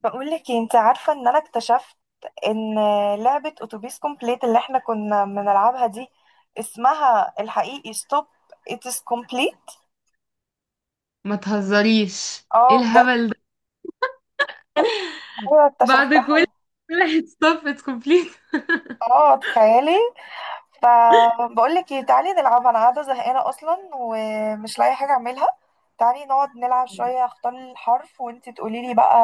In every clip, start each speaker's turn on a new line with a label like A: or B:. A: بقول لك إيه، انت عارفه ان انا اكتشفت ان لعبه اتوبيس كومبليت اللي احنا كنا بنلعبها دي اسمها الحقيقي ستوب اتس كومبليت.
B: ما تهزريش، ايه
A: اه، بجد.
B: الهبل ده؟
A: ايوه،
B: بعد كل
A: اكتشفتها.
B: واحد stop it's complete.
A: اه، تخيلي. فبقول لك ايه، تعالي نلعبها، انا قاعده زهقانه اصلا ومش لاقي حاجه اعملها. تعالي نقعد نلعب شويه، اختار الحرف وانت تقولي لي بقى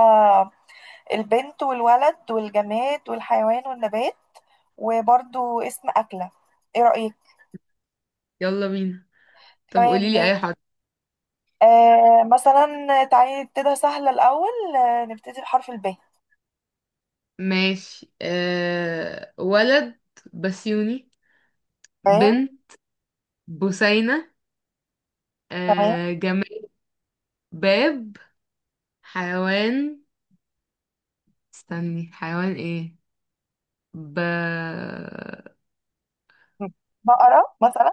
A: البنت والولد والجماد والحيوان والنبات وبرضو اسم اكله. ايه رايك؟
B: يلا بينا. طب
A: تمام.
B: قوليلي اي حرف؟
A: مثلا تعالي نبتدي سهلة الأول. نبتدي بحرف الب.
B: ماشي، ولد بسيوني.
A: تمام.
B: بنت بوسينة.
A: تمام.
B: جماد باب. حيوان، استني، حيوان ايه؟ ب
A: بقرة مثلا.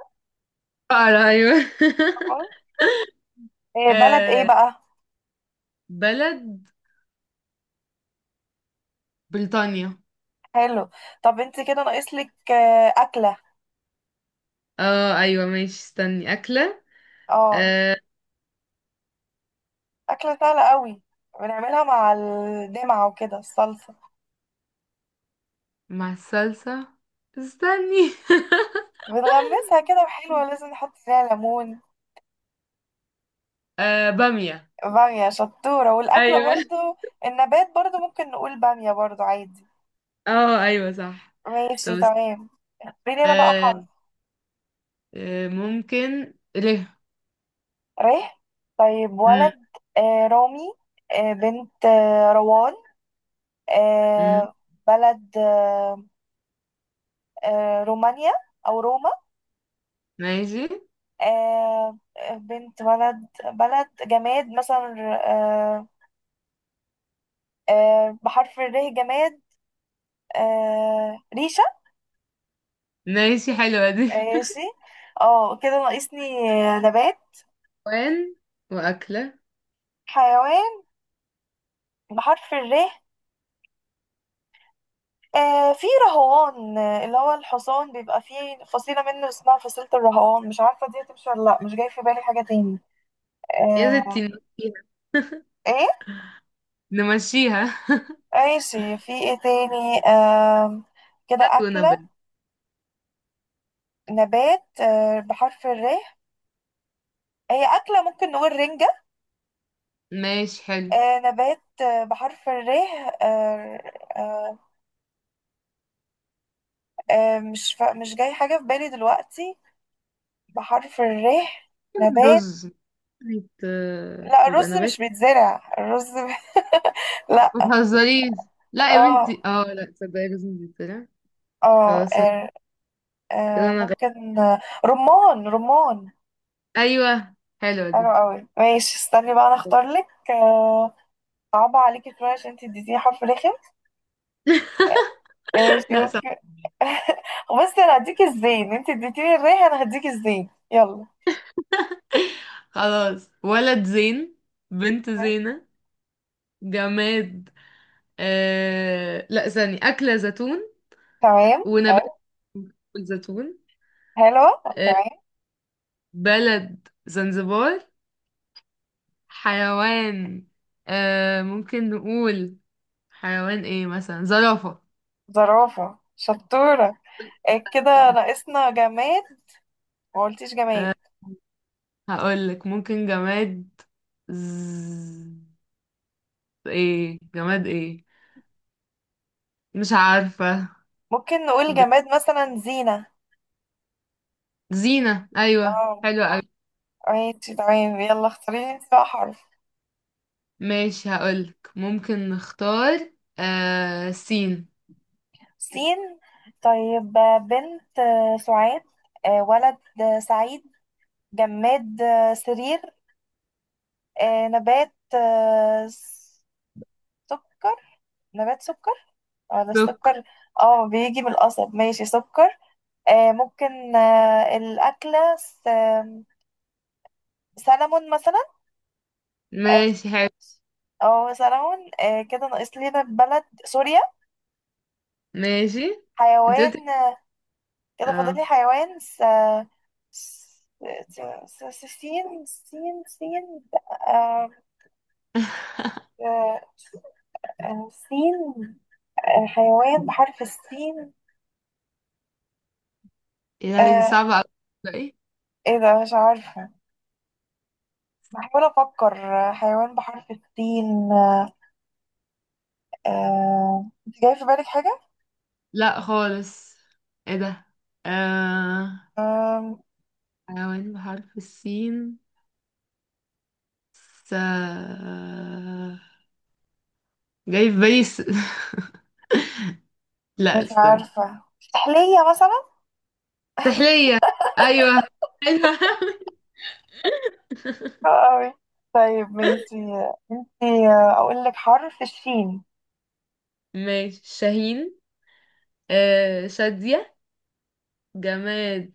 B: بقرة، ايوه.
A: آه، بلد ايه
B: أه...
A: بقى؟
B: بلد بريطانيا.
A: حلو. طب انت كده ناقصلك أكلة.
B: اه ايوه ماشي، استني، اكلة.
A: اه،
B: أه...
A: أكلة سهلة قوي، بنعملها مع الدمعة وكده الصلصة،
B: مع الصلصة، استني.
A: بنغمسها كده حلوة، لازم نحط فيها ليمون.
B: آه، بامية.
A: بامية شطورة، والأكلة
B: ايوه.
A: برضو. النبات برضو ممكن نقول بامية برضو عادي.
B: اه ايوه صح. طب
A: ماشي، تمام. اختاري لنا بقى حرف.
B: آه ممكن ليه.
A: ريح. طيب،
B: مم.
A: ولد رامي. بنت روان.
B: مم.
A: آه بلد، رومانيا أو روما.
B: ماشي.
A: بنت ولد بلد جماد مثلا، بحرف الر جماد، ريشة.
B: ماشي حلوة دي.
A: ماشي. اه كده ناقصني نبات
B: وين وأكلة.
A: حيوان بحرف الر. في رهوان، اللي هو الحصان بيبقى فيه فصيلة منه اسمها فصيلة الرهوان، مش عارفة دي هتمشي ولا لأ، مش جاي في بالي حاجة تاني.
B: يا
A: آه،
B: ستي نمشيها.
A: ايه؟
B: نمشيها.
A: ماشي، في ايه تاني؟ كده
B: نبات
A: أكلة
B: ونبات.
A: نبات بحرف الر. هي أكلة ممكن نقول رنجة.
B: ماشي حلو.
A: نبات بحرف الر. آه، آه، مش جاي حاجة في بالي دلوقتي بحرف الر نبات.
B: رز،
A: لا،
B: بيبقى
A: الرز مش
B: نبات.
A: بيتزرع الرز
B: ما
A: لا.
B: تهزريش، لا يا
A: اه
B: بنتي، اه لا تصدقي، رز بيطلع.
A: اه
B: خلاص.
A: آه.
B: كده انا
A: ممكن رمان، رمان.
B: ايوه، حلوة
A: حلو
B: دي.
A: قوي، ماشي، استني بقى انا اختار لك. صعبة عليكي شوية عشان انت اديتيني حرف رخم. ماشي،
B: لا صح.
A: اوكي. بصي، انا هديك الزين، انت اديتيني الريح انا هديك الزين، يلا.
B: خلاص. ولد زين. بنت
A: تمام.
B: زينة. جماد، لا، ثاني أكلة زيتون.
A: تمام. حلو.
B: ونبات الزيتون.
A: حلوة
B: آه...
A: تمام.
B: بلد زنزبار. حيوان، ممكن نقول حيوان ايه، مثلا زرافة.
A: زرافة شطورة. كده ناقصنا جماد. ما قلتيش جماد.
B: آه... هقولك ممكن جماد. ز... ايه جماد ايه؟ مش عارفة.
A: ممكن نقول
B: ج...
A: جماد مثلا زينة.
B: زينة، ايوه
A: اه.
B: حلوة.
A: ماشي، تمام، يلا اختاري لي انت بقى حرف.
B: ماشي، هقولك ممكن نختار سين.
A: سين. طيب، بنت سعاد، ولد سعيد، جماد سرير، نبات سكر. نبات سكر، ولا
B: دوك.
A: السكر. اه، بيجي من القصب. ماشي، سكر. ممكن الأكلة سلمون مثلا. اه.
B: ماشي حلو.
A: سلمون. كده ناقص لنا بلد سوريا.
B: ماشي، انت
A: حيوان.
B: قلت.
A: كده فاضل
B: اه.
A: لي حيوان س... س... سين سين سين. آه، آه، سين حيوان بحرف السين.
B: ايه ده؟ دي
A: آه،
B: صعبة اوي. لا ايه؟
A: ايه ده؟ مش عارفة. بحاول افكر حيوان بحرف السين. انت جاي في بالك حاجة؟
B: لا خالص. ايه ده؟ آه
A: آم،
B: حيوان بحرف السين. س جاي في بالي لا
A: مش
B: استنى.
A: عارفة. سحلية مثلا؟
B: سحلية. ايوه. ايوه.
A: أوي. طيب، ماشي. انت اقول لك حرف الشين.
B: ماشي، شاهين. شادية. جماد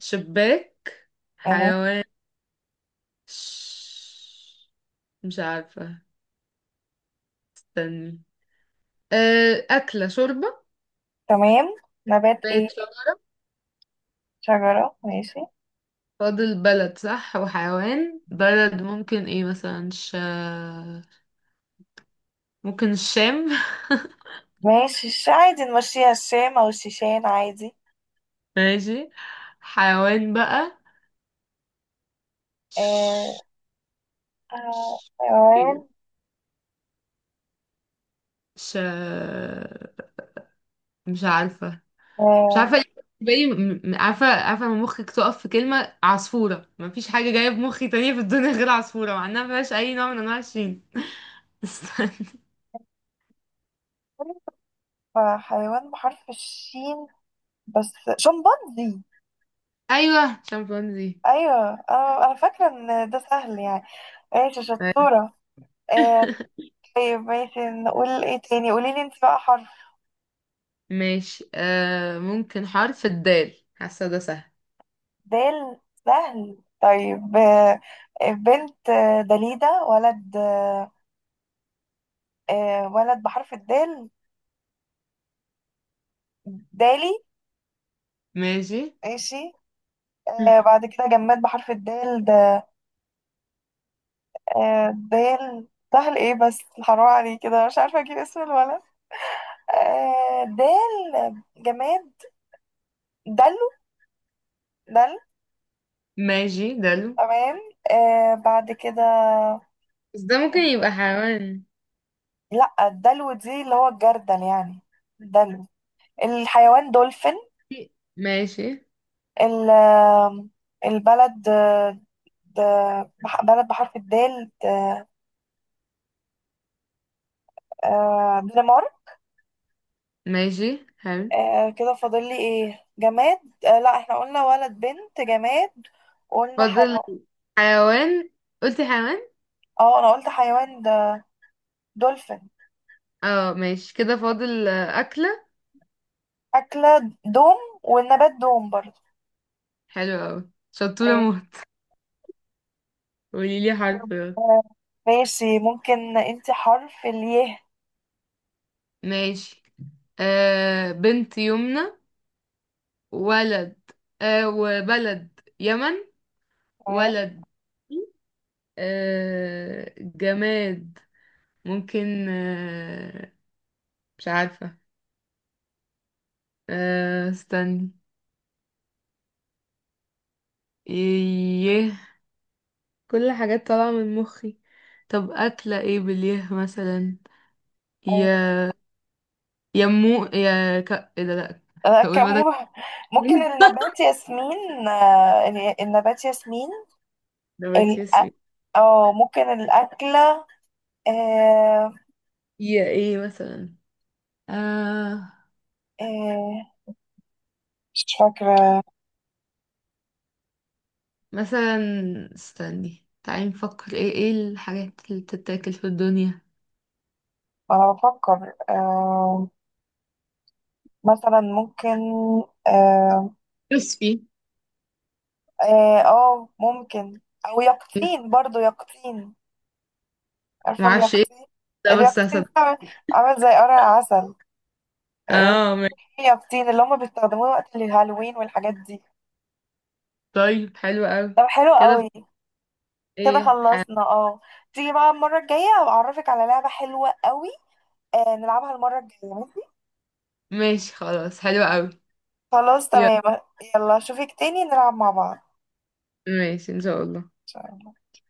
B: شباك.
A: أهو.
B: حيوان ش- مش عارفة، استني. أكلة شوربة.
A: تمام. نبات ايه؟
B: بيت شخص.
A: شجرة. ماشي.
B: فاضل بلد، صح، وحيوان. بلد ممكن ايه، مثلا ممكن الشام.
A: ماشي عادي نمشيها الشام او الشيشان عادي.
B: ماشي. حيوان بقى.
A: آه
B: ش...
A: حيوان
B: ش... مش عارفة. مش
A: آه
B: عارفه ليه بالنسبة لي، عارفه عارفه، لما مخك تقف في كلمه عصفوره مفيش حاجه جايه في مخي تانية في الدنيا غير عصفوره، مع انها مفيهاش اي نوع من انواع الشين. استنى.
A: حيوان بحرف الشين. بس شمبانزي.
B: ايوه شمبانزي.
A: ايوه، انا فاكره ان ده سهل يعني. ماشي،
B: طيب.
A: شطوره. آه طيب، ماشي، نقول ايه تاني؟ قولي لي انت بقى حرف.
B: ماشي، ممكن حرف الدال، حاسه ده سهل.
A: دال. سهل. طيب، بنت دليدة، ولد ولد بحرف الدال، دالي.
B: ماشي.
A: ماشي. بعد كده جماد بحرف الدال ده. دال. سهل، ايه بس، حرام عليه كده، مش عارفة اجيب اسم الولد. دال جماد، دلو. دل
B: ماشي دلو.
A: تمام. بعد كده
B: بس ده ممكن يبقى حيوان.
A: لا، الدلو دي اللي هو الجردل يعني. دلو. الحيوان دولفين.
B: ماشي.
A: ال- آم، البلد د- بلد بحرف الدال دنمارك.
B: ماشي حلو.
A: كده فاضل لي ايه جماد؟ لا، احنا قلنا ولد بنت جماد، قلنا
B: فاضل
A: حيوان.
B: حيوان. قلتي حيوان.
A: اه، انا قلت حيوان ده دولفين.
B: اه ماشي، كده فاضل أكلة.
A: أكلة، دوم. والنبات دوم برضه.
B: حلو أوي، شطورة
A: آه،
B: موت. قولي لي حرف، يلا.
A: آه، ماشي، ممكن انت حرف الياء.
B: ماشي، بنت يمنى. ولد، وبلد يمن.
A: تمام.
B: ولد، جماد، ممكن، مش عارفة. استني. يه. كل حاجات طالعة من مخي. طب أكلة ايه، باليه مثلا؟
A: آه،
B: يا يمو يا ايه ده، لأ.
A: انا
B: هقول
A: كم
B: مدى.
A: ممكن النبات ياسمين. النبات ياسمين.
B: نباتي
A: الأ-
B: اسمي.
A: اه، ممكن الأكلة آه،
B: يا ايه مثلا؟ آه
A: آه، مش فاكرة.
B: مثلا، استني، تعالي نفكر ايه ايه الحاجات اللي بتتاكل في الدنيا.
A: أنا بفكر. مثلا ممكن اه,
B: كريسبي.
A: ممكن او يقطين برضو يقطين. عارفة
B: معرفش ايه
A: اليقطين؟
B: ده، بس
A: اليقطين
B: هصدق.
A: ده عامل زي قرع عسل. آه،
B: اه ماشي.
A: في يقطين اللي هما بيستخدموه وقت الهالوين والحاجات دي.
B: طيب حلو قوي.
A: طب حلو
B: كده
A: قوي. كده
B: ايه
A: خلصنا اه تيجي بقى المرة الجاية أعرفك على لعبة حلوة قوي. نلعبها المرة الجاية، ماشي؟
B: ماشي خلاص، حلو قوي.
A: خلاص
B: يلا.
A: تمام. يلا أشوفك تاني نلعب مع بعض، إن
B: ماشي ان شاء الله.
A: شاء الله.